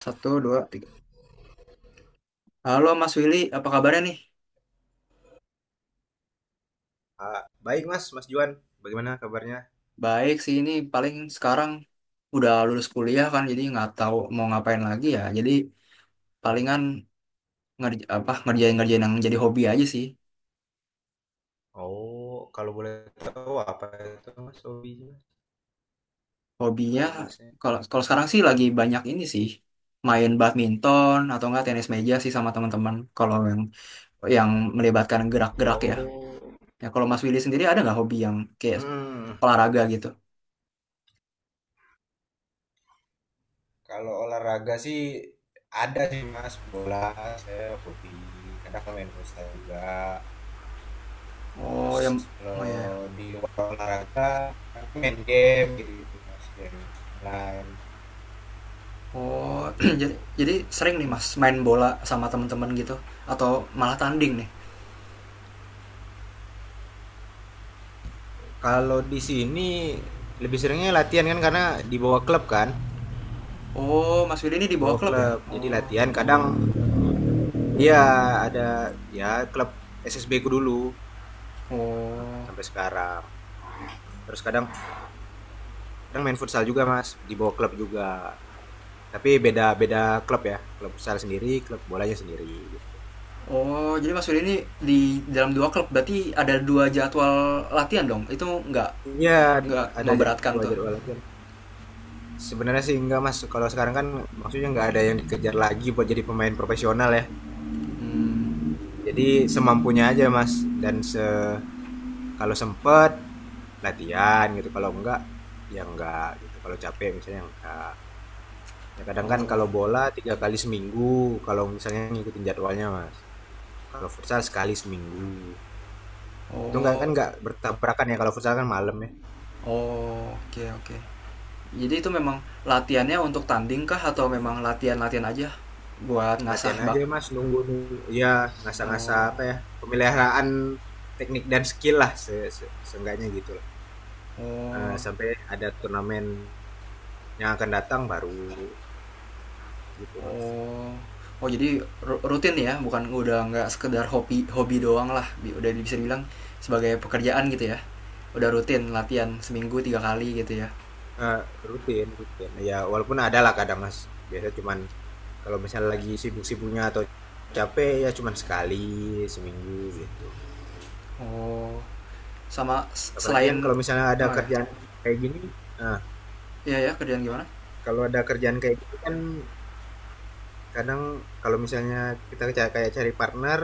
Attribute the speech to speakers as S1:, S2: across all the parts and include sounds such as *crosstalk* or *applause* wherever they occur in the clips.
S1: Satu, dua, tiga. Halo Mas Willy, apa kabarnya nih?
S2: Ah, baik Mas, Mas Juan, bagaimana kabarnya?
S1: Baik sih, ini paling sekarang udah lulus kuliah kan, jadi nggak tahu mau ngapain lagi ya. Jadi palingan ngerjain ngerjain yang jadi hobi aja sih.
S2: Oh, kalau boleh tahu apa itu Mas hobinya?
S1: Hobinya
S2: Kalau Masnya?
S1: kalau kalau sekarang sih lagi banyak ini sih, main badminton atau enggak tenis meja sih sama teman-teman. Kalau yang melibatkan gerak-gerak ya.
S2: Oh,
S1: Ya kalau Mas Willy sendiri ada nggak hobi yang kayak
S2: hmm,
S1: olahraga gitu?
S2: kalau olahraga sih ada sih Mas, bola saya hobi, kadang main futsal juga.
S1: Oh,
S2: Terus
S1: yang, oh ya.
S2: kalau di luar olahraga, kan main game gitu Mas, game online.
S1: Oh, *clears throat* jadi sering nih Mas main bola sama teman-teman gitu atau malah tanding nih.
S2: Kalau di sini lebih seringnya latihan kan karena dibawa klub kan,
S1: Oh, Mas Willy ini di bawah
S2: dibawa
S1: klub ya?
S2: klub. Jadi
S1: Oh.
S2: latihan kadang, iya, ada, ya klub SSB ku dulu
S1: Oh.
S2: sampai sekarang. Terus kadang kadang main futsal juga, Mas, di bawah klub juga. Tapi beda-beda klub ya. Klub futsal sendiri, klub bolanya sendiri, gitu.
S1: Oh, jadi Mas Willy ini di dalam dua klub berarti ada dua jadwal latihan dong. Itu nggak
S2: Iya,
S1: nggak
S2: ada
S1: memberatkan
S2: dua
S1: tuh.
S2: jadwal latihan. Sebenarnya sih enggak, Mas. Kalau sekarang kan maksudnya enggak ada yang dikejar lagi buat jadi pemain profesional ya.
S1: Hmm.
S2: Jadi semampunya aja, Mas. Dan kalau sempet latihan gitu, kalau enggak ya enggak gitu. Kalau capek misalnya enggak. Ya kadang kan
S1: Oh.
S2: kalau bola 3 kali seminggu, kalau misalnya ngikutin jadwalnya mas. Kalau futsal sekali seminggu. Itu nggak kan
S1: Oh.
S2: nggak bertabrakan ya kalau futsal kan malam ya.
S1: Oh, oke, oke. Jadi itu memang latihannya untuk tanding kah atau memang latihan-latihan aja buat ngasah
S2: Latihan
S1: bak?
S2: aja mas, nunggu nunggu. Ya ngasah-ngasah
S1: Oh.
S2: apa ya, pemeliharaan teknik dan skill lah se se- seenggaknya gitu lah.
S1: Oh,
S2: Sampai ada turnamen yang akan datang baru gitu mas.
S1: oh, oh, jadi rutin ya, bukan udah nggak sekedar hobi hobi doang lah, udah bisa dibilang sebagai pekerjaan gitu ya, udah rutin latihan seminggu 3 kali gitu ya.
S2: Eh, rutin rutin. Ya walaupun ada lah kadang mas. Biasa cuman kalau misalnya lagi sibuk-sibuknya atau capek ya cuman sekali seminggu gitu.
S1: Oh, sama
S2: Apalagi kan
S1: selain,
S2: kalau misalnya ada
S1: oh ya,
S2: kerjaan kayak gini, nah
S1: iya ya, kerjaan gimana?
S2: kalau ada kerjaan kayak gini kan kadang kalau misalnya kita kayak cari partner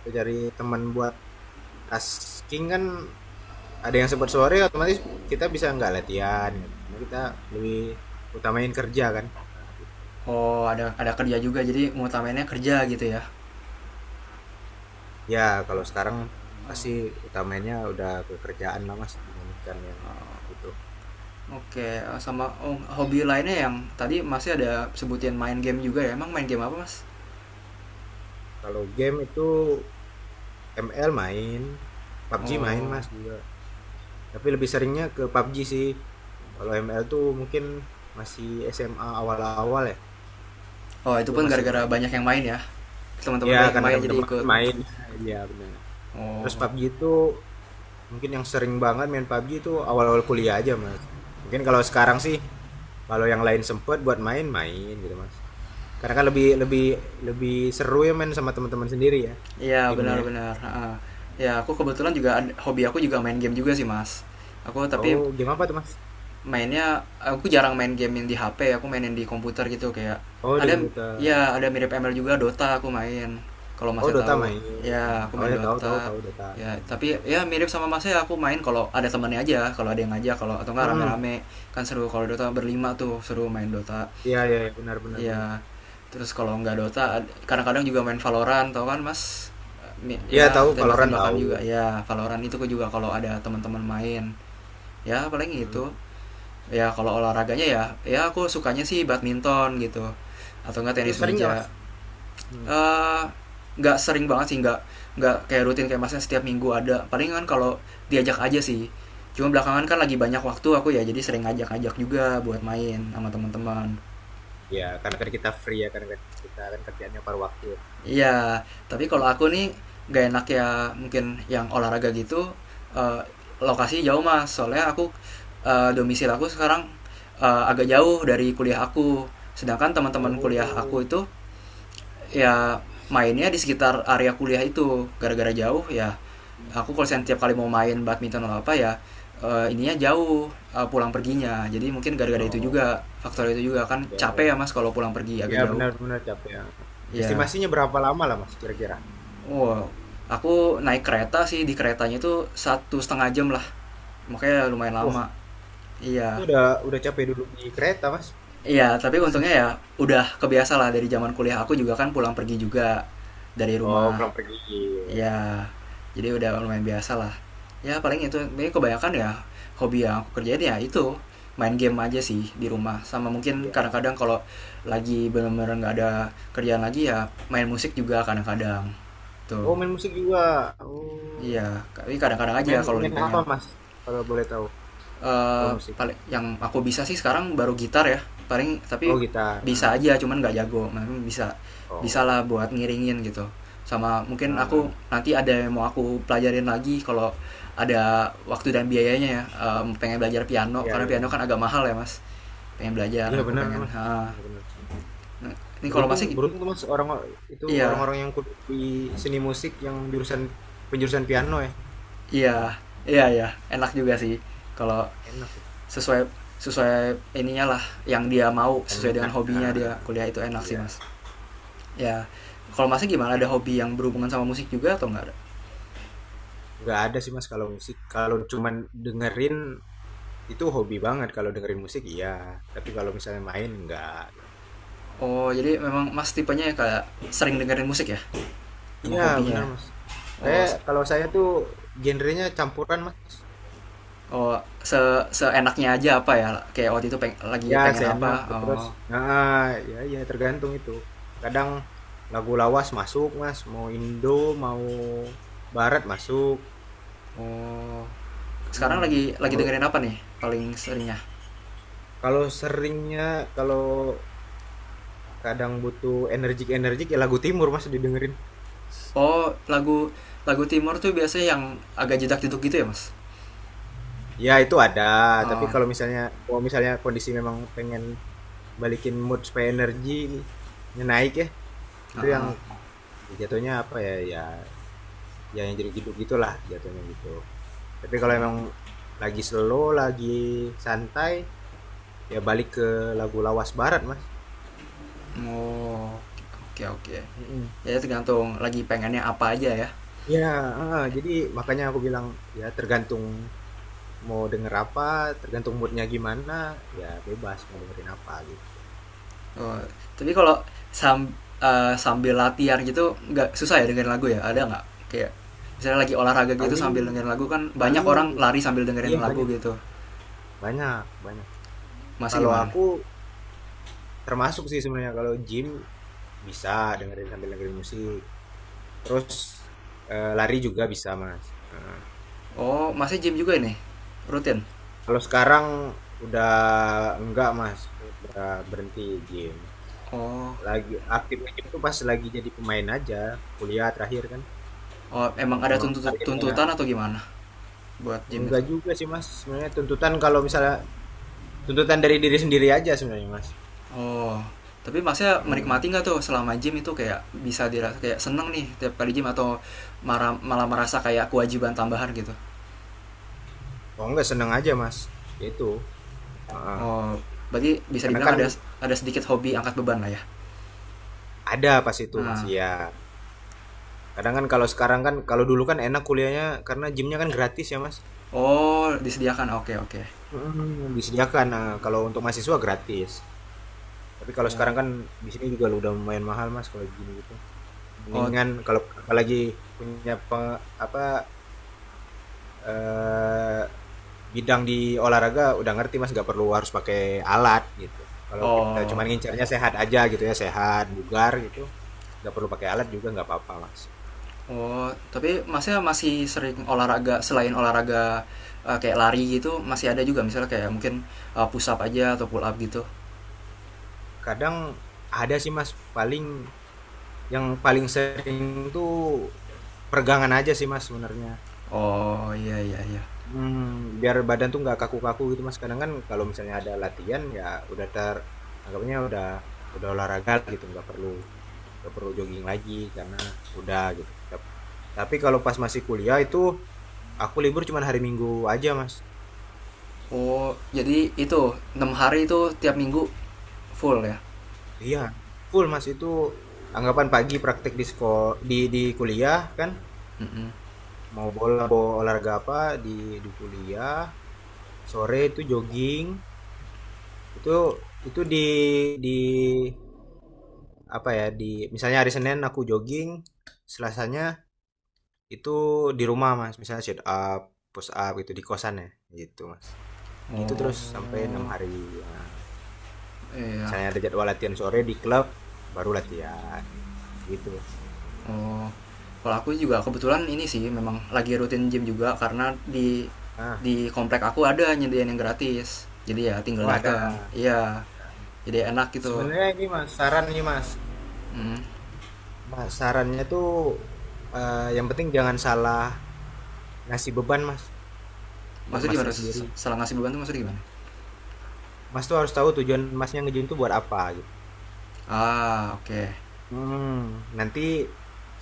S2: atau cari teman buat tasking kan, ada yang sempat sore otomatis kita bisa nggak latihan gitu. Karena kita lebih utamain kerja kan. Nah, gitu.
S1: Oh, ada kerja juga, jadi mengutamainnya kerja gitu ya.
S2: Ya kalau sekarang pasti utamanya udah kekerjaan lah mas dibandingkan yang itu.
S1: Oke, sama oh, hobi lainnya yang tadi masih ada sebutin main game juga ya, emang main game apa mas?
S2: Kalau game itu ML main, PUBG main
S1: Oh,
S2: Mas juga. Tapi lebih seringnya ke PUBG sih. Kalau ML tuh mungkin masih SMA awal-awal ya,
S1: oh, itu
S2: itu
S1: pun
S2: masih
S1: gara-gara
S2: main.
S1: banyak yang main ya, teman-teman
S2: Ya
S1: banyak yang
S2: karena
S1: main jadi
S2: teman-teman
S1: ikut.
S2: main. *laughs* Iya benar.
S1: Oh,
S2: Terus PUBG itu mungkin yang sering banget main PUBG itu awal-awal kuliah aja Mas. Mungkin kalau sekarang sih kalau yang lain sempet buat main main gitu Mas. Karena kan lebih lebih lebih seru ya main sama teman-teman sendiri ya,
S1: iya
S2: timnya.
S1: benar-benar. Heeh. Ya aku kebetulan juga hobi aku juga main game juga sih mas. Aku tapi
S2: Oh, game apa tuh Mas?
S1: mainnya aku jarang main game yang di HP. Aku mainin di komputer gitu kayak
S2: Oh, di
S1: ada,
S2: komputer.
S1: ya, ada mirip ML juga Dota aku main. Kalau
S2: Oh
S1: masnya
S2: Dota
S1: tahu
S2: main.
S1: ya aku
S2: Oh
S1: main
S2: ya, tahu tahu
S1: Dota.
S2: tahu Dota.
S1: Ya
S2: Ya,
S1: tapi
S2: tahu
S1: ya
S2: Dota.
S1: mirip sama masnya aku main kalau ada temannya aja. Kalau ada yang ngajak kalau atau enggak
S2: Hmm.
S1: rame-rame kan seru kalau Dota berlima tuh seru main Dota.
S2: Iya iya iya, benar benar benar.
S1: Iya. Terus kalau nggak Dota, kadang-kadang juga main Valorant, tau kan Mas?
S2: Iya
S1: Ya
S2: tahu Valorant
S1: tembak-tembakan
S2: tahu.
S1: juga. Ya Valorant itu aku juga kalau ada teman-teman main. Ya paling itu.
S2: Mm.
S1: Ya kalau olahraganya ya, ya aku sukanya sih badminton gitu, atau enggak
S2: Itu
S1: tenis
S2: sering nggak Mas?
S1: meja.
S2: Hmm.
S1: Eh nggak sering banget sih, nggak kayak rutin kayak masnya setiap minggu ada. Paling kan kalau diajak aja sih. Cuma belakangan kan lagi banyak waktu aku ya, jadi sering ngajak-ngajak juga buat main sama teman-teman.
S2: Ya karena kan kita free ya, karena kan kita kan kerjaannya paruh waktu ya.
S1: Iya, tapi
S2: Jadi-
S1: kalau aku nih gak enak ya mungkin yang olahraga gitu, eh, lokasi jauh mas. Soalnya aku, domisil aku sekarang, agak jauh dari kuliah aku. Sedangkan teman-teman kuliah aku
S2: Oh.
S1: itu ya mainnya di sekitar area kuliah itu. Gara-gara jauh ya aku kalau setiap kali mau main badminton atau apa ya, ininya jauh, pulang perginya. Jadi mungkin gara-gara itu
S2: Oh.
S1: juga faktor itu juga kan
S2: Ya, ya.
S1: capek ya mas kalau pulang pergi agak
S2: Ya,
S1: jauh.
S2: benar benar capek ya.
S1: Ya,
S2: Estimasinya berapa lama lah Mas kira-kira?
S1: wow, aku naik kereta sih di keretanya itu 1,5 jam lah, makanya lumayan lama.
S2: Wah, itu
S1: Iya,
S2: udah capek dulu di kereta Mas.
S1: iya. Tapi untungnya ya udah kebiasa lah dari zaman kuliah aku juga kan pulang pergi juga dari
S2: Oh,
S1: rumah.
S2: pulang pergi. Iya.
S1: Ya, jadi udah lumayan biasa lah. Ya paling itu, ini kebanyakan ya hobi yang aku kerjain ya itu main game aja sih di rumah sama mungkin
S2: Iya.
S1: kadang-kadang kalau lagi bener-bener nggak ada kerjaan lagi ya main musik juga kadang-kadang tuh,
S2: Oh, main musik juga. Oh.
S1: iya tapi kadang-kadang
S2: Main
S1: aja kalau lagi
S2: main apa
S1: pengen.
S2: Mas? Kalau boleh tahu, kalau
S1: eh,
S2: musik.
S1: paling yang aku bisa sih sekarang baru gitar ya paling, tapi
S2: Oh, gitar. Ah.
S1: bisa aja cuman nggak jago, memang bisa bisa lah
S2: Oh.
S1: buat ngiringin gitu, sama mungkin aku
S2: Ah,
S1: nanti ada yang mau aku pelajarin lagi kalau ada waktu dan biayanya ya. Pengen belajar piano
S2: iya
S1: karena
S2: iya
S1: piano kan
S2: benar.
S1: agak mahal ya mas, pengen belajar,
S2: Iya
S1: aku
S2: benar
S1: pengen
S2: Mas,
S1: ha
S2: benar-benar.
S1: ini kalau
S2: Beruntung
S1: masih,
S2: beruntung tuh Mas orang itu,
S1: iya,
S2: orang-orang yang kuliah di seni musik yang jurusan penjurusan piano ya.
S1: iya, iya, iya, enak juga sih kalau
S2: Enak tuh.
S1: sesuai sesuai ininya lah yang dia mau,
S2: Ya,
S1: sesuai dengan
S2: peminat.
S1: hobinya dia
S2: Ah,
S1: kuliah itu enak sih mas.
S2: iya.
S1: Ya kalau masih gimana ada hobi yang berhubungan sama musik juga atau nggak ada.
S2: Nggak ada sih Mas kalau musik. Kalau cuman dengerin itu hobi banget kalau dengerin musik iya, tapi kalau misalnya main enggak.
S1: Oh, jadi memang mas tipenya ya kayak sering dengerin musik ya, memang
S2: Iya, benar
S1: hobinya ya.
S2: Mas.
S1: Oh,
S2: Kayak kalau saya tuh genrenya campuran Mas.
S1: oh, seenaknya aja apa ya, kayak waktu itu lagi
S2: Ya,
S1: pengen apa.
S2: seenak. Terus,
S1: Oh,
S2: ah, ya, ya tergantung itu. Kadang lagu lawas masuk, Mas. Mau Indo, mau Barat masuk.
S1: oh, sekarang
S2: Hmm.
S1: lagi
S2: Mau,
S1: dengerin apa nih paling seringnya?
S2: kalau seringnya, kalau kadang butuh energik-energik, ya lagu Timur, Mas, didengerin.
S1: Oh, lagu lagu timur tuh biasanya yang agak jedak jeduk gitu ya mas.
S2: Ya, itu ada. Tapi
S1: Oh,
S2: kalau misalnya kondisi memang pengen balikin mood supaya energinya naik ya, itu yang
S1: heeh.
S2: ya jatuhnya apa ya, ya, ya yang jadi hidup gitulah jatuhnya gitu. Tapi kalau emang lagi slow lagi santai ya balik ke lagu lawas barat mas.
S1: Oh, oke, oke,
S2: Mm-mm.
S1: ya tergantung lagi pengennya apa aja ya.
S2: Ya jadi makanya aku bilang ya tergantung mau denger apa, tergantung moodnya gimana, ya bebas mau dengerin apa gitu.
S1: Oh, tapi kalau sam, sambil latihan gitu nggak susah ya dengerin lagu ya? Ada nggak? Kayak misalnya lagi olahraga gitu
S2: paling
S1: sambil dengerin lagu, kan banyak
S2: paling
S1: orang lari sambil dengerin
S2: iya
S1: lagu
S2: banyak
S1: gitu.
S2: banyak banyak.
S1: Masih
S2: Kalau
S1: gimana?
S2: aku termasuk sih sebenarnya kalau gym bisa sambil dengerin musik, terus lari juga bisa mas.
S1: Oh, masih gym juga ini? Rutin?
S2: Kalau sekarang udah enggak, Mas, udah berhenti gym.
S1: Oh,
S2: Lagi aktifnya gym tuh pas lagi jadi pemain aja, kuliah terakhir kan.
S1: oh, emang ada
S2: Memang targetnya
S1: tuntutan atau gimana buat gym itu?
S2: enggak juga sih, Mas. Sebenarnya tuntutan kalau misalnya tuntutan dari diri sendiri aja sebenarnya, Mas.
S1: Oh, tapi masnya
S2: Mm.
S1: menikmati nggak tuh selama gym itu kayak bisa dirasa kayak seneng nih tiap kali gym atau marah, malah merasa kayak kewajiban tambahan gitu?
S2: Oh, enggak seneng aja, Mas. Ya itu. Heeh.
S1: Oh, berarti bisa
S2: Karena
S1: dibilang
S2: kan
S1: ada sedikit hobi angkat beban lah ya.
S2: ada pas itu, Mas.
S1: Nah,
S2: Iya. Kadang kan kalau sekarang kan kalau dulu kan enak kuliahnya karena gymnya kan gratis ya, Mas.
S1: oh, disediakan. Oke, oke.
S2: Mm, disediakan. Nah, kalau untuk mahasiswa gratis. Tapi kalau
S1: Oh,
S2: sekarang kan di sini juga udah lumayan mahal Mas kalau gini gitu.
S1: oh,
S2: Mendingan kalau apalagi punya apa, eh, bidang di olahraga udah ngerti Mas, nggak perlu harus pakai alat gitu. Kalau kita cuma
S1: oh,
S2: ngincarnya sehat aja gitu ya, sehat, bugar gitu. Nggak perlu pakai alat juga nggak apa-apa Mas.
S1: oh. Tapi masnya masih sering olahraga selain olahraga, kayak lari gitu, masih ada juga misalnya kayak mungkin, push up aja atau pull up gitu.
S2: Kadang ada sih Mas, paling yang paling sering tuh peregangan aja sih Mas sebenarnya.
S1: Oh, iya, iya, iya.
S2: Hmm, biar badan tuh nggak kaku-kaku gitu, Mas. Kadang kan kalau misalnya ada latihan ya udah anggapnya udah olahraga lah gitu, nggak perlu jogging lagi karena udah gitu. Tapi kalau pas masih kuliah itu aku libur cuma hari Minggu aja, Mas.
S1: Oh, jadi itu 6 hari itu tiap minggu full ya.
S2: Iya, full, Mas, itu anggapan pagi praktek di di kuliah kan,
S1: Mm-mm.
S2: mau bola mau olahraga apa di di kuliah, sore itu jogging, itu itu di apa ya di misalnya hari Senin aku jogging, Selasanya itu di rumah Mas, misalnya sit up, push up gitu di kosan ya, gitu Mas. Gitu
S1: Oh,
S2: terus sampai 6 hari, ya.
S1: iya.
S2: Misalnya ada jadwal latihan sore di klub, baru latihan gitu.
S1: Oh, kalau aku juga kebetulan ini sih memang lagi rutin gym juga karena di
S2: Nah,
S1: di komplek aku ada nyediain yang gratis. Jadi ya tinggal
S2: oh ada.
S1: datang. Iya,
S2: Nah,
S1: jadi enak gitu.
S2: sebenarnya ini Mas, saran nih Mas.
S1: Hmm.
S2: Mas, sarannya tuh yang penting jangan salah ngasih beban Mas buat
S1: Maksudnya
S2: Masnya
S1: gimana?
S2: sendiri.
S1: Salah ngasih beban tuh maksudnya gimana?
S2: Mas tuh harus tahu tujuan Masnya ngejun tuh buat apa.
S1: Ah, oke.
S2: Hmm, nanti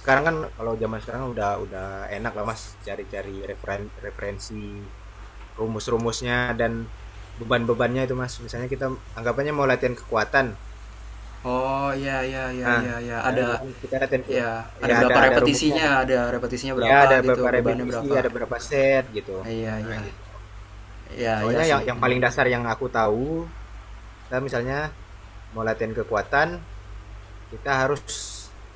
S2: sekarang kan kalau zaman sekarang udah enak lah Mas cari-cari referensi rumus-rumusnya dan beban-bebannya itu Mas. Misalnya kita anggapannya mau latihan kekuatan.
S1: Oh, iya, iya, iya,
S2: Nah,
S1: iya, iya
S2: ya
S1: ada
S2: kita
S1: ya, ada
S2: ya
S1: berapa
S2: ada rumusnya
S1: repetisinya?
S2: kan.
S1: Ada repetisinya
S2: Ya
S1: berapa
S2: ada
S1: gitu,
S2: berapa
S1: bebannya
S2: repetisi,
S1: berapa?
S2: ada berapa set gitu.
S1: Iya,
S2: Nah,
S1: iya.
S2: gitu.
S1: Iya, iya
S2: Soalnya
S1: sih.
S2: yang
S1: Hmm.
S2: paling dasar yang aku tahu, kita misalnya mau latihan kekuatan, kita harus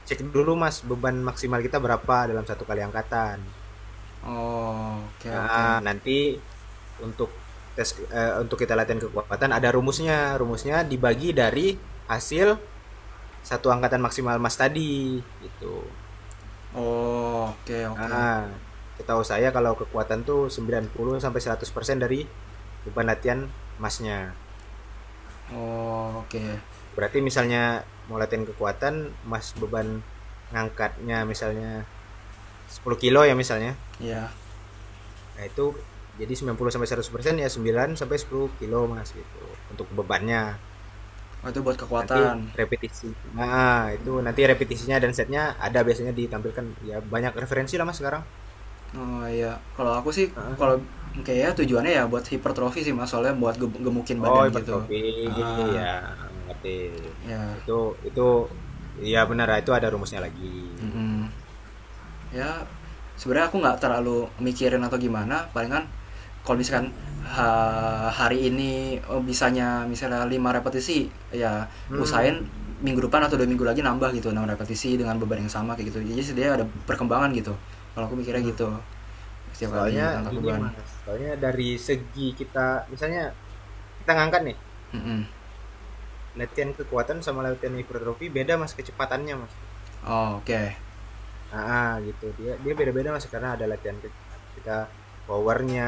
S2: cek dulu Mas beban maksimal kita berapa dalam satu kali angkatan.
S1: Oh, oke, oke.
S2: Nah, nanti untuk tes untuk kita latihan kekuatan ada rumusnya. Rumusnya dibagi dari hasil satu angkatan maksimal Mas tadi gitu.
S1: Oh, oke, oke.
S2: Nah, setahu saya kalau kekuatan tuh 90 sampai 100% dari beban latihan Masnya.
S1: Oh, oke.
S2: Berarti misalnya mau latihan kekuatan Mas beban ngangkatnya misalnya 10 kilo ya misalnya.
S1: Iya.
S2: Nah, itu jadi 90 sampai 100% ya 9 sampai 10 kilo Mas gitu untuk bebannya.
S1: Oh, itu buat
S2: Nanti
S1: kekuatan.
S2: repetisi. Nah, itu nanti repetisinya dan setnya ada biasanya ditampilkan. Ya, banyak referensi lah Mas sekarang.
S1: Oh iya, kalau aku sih
S2: Heeh.
S1: kalau kayaknya tujuannya ya buat hipertrofi sih Mas, soalnya buat gemukin
S2: Oh,
S1: badan gitu.
S2: hipertrofi.
S1: Ah,
S2: Ya, ngerti.
S1: ya.
S2: Itu itu ya benar itu ada rumusnya lagi gitu.
S1: Mm-mm. Ya sebenarnya aku nggak terlalu mikirin atau gimana, palingan kalau misalkan hari ini, oh, bisanya misalnya 5 repetisi ya, usahain
S2: Hmm.
S1: minggu depan atau 2 minggu lagi nambah gitu 6 repetisi dengan beban yang sama kayak gitu, jadi sebenarnya ada perkembangan gitu, kalau aku mikirnya
S2: Hmm.
S1: gitu setiap
S2: Soalnya
S1: kali angkat
S2: gini
S1: beban.
S2: Mas, soalnya dari segi kita misalnya kita ngangkat nih,
S1: Mm-mm.
S2: latihan kekuatan sama latihan hipertrofi beda Mas kecepatannya Mas.
S1: Oh, oke, okay.
S2: Ah, ah, gitu. Dia dia beda-beda Mas karena ada kita powernya,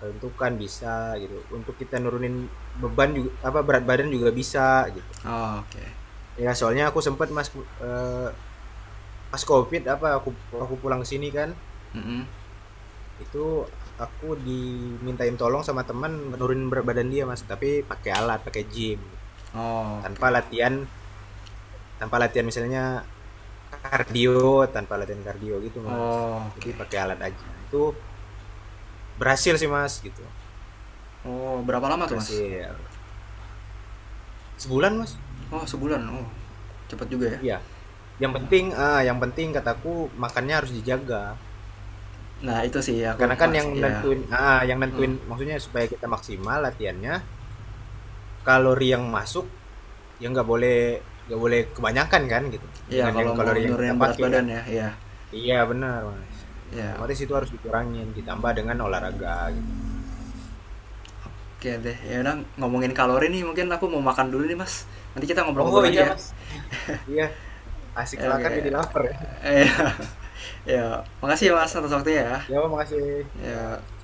S2: kelentukan bisa gitu untuk kita nurunin beban juga apa berat badan juga bisa gitu.
S1: Oh, oke.
S2: Ya soalnya aku sempat mas pas covid apa aku pulang ke sini kan
S1: Mm-mm.
S2: itu aku dimintain tolong sama teman nurunin berat badan dia mas tapi pakai alat pakai gym gitu.
S1: Oh, oke.
S2: tanpa latihan tanpa latihan misalnya kardio, tanpa latihan kardio gitu mas,
S1: Oh,
S2: jadi
S1: oke.
S2: pakai alat aja itu berhasil sih mas gitu.
S1: Oh, berapa lama tuh, Mas?
S2: Berhasil sebulan mas.
S1: Oh, sebulan. Oh, cepet juga ya.
S2: Iya, yang
S1: Hmm.
S2: penting ah yang penting kataku makannya harus dijaga,
S1: Nah, itu sih aku
S2: karena kan yang
S1: Mas ya.
S2: nentuin ah yang
S1: Hmm.
S2: nentuin maksudnya supaya kita maksimal latihannya kalori yang masuk ya nggak boleh kebanyakan kan gitu
S1: Iya,
S2: dengan yang
S1: kalau mau
S2: kalori yang kita
S1: nurunin berat
S2: pakai kan.
S1: badan ya, ya.
S2: Iya benar mas,
S1: Ya,
S2: otomatis itu harus dikurangin ditambah dengan olahraga gitu.
S1: oke deh.
S2: Gitu.
S1: Ya udah ngomongin kalori nih, mungkin aku mau makan dulu nih, Mas. Nanti kita
S2: Oh
S1: ngobrol-ngobrol
S2: iya
S1: lagi ya.
S2: mas. *laughs* Iya, asik
S1: Ya,
S2: kelakar
S1: oke.
S2: jadi lapar ya. *laughs*
S1: *laughs* Ya,
S2: Iya, ya.
S1: ya,
S2: Iya,
S1: makasih ya, Mas atas waktunya ya.
S2: ya makasih ya,
S1: Ya,
S2: sama.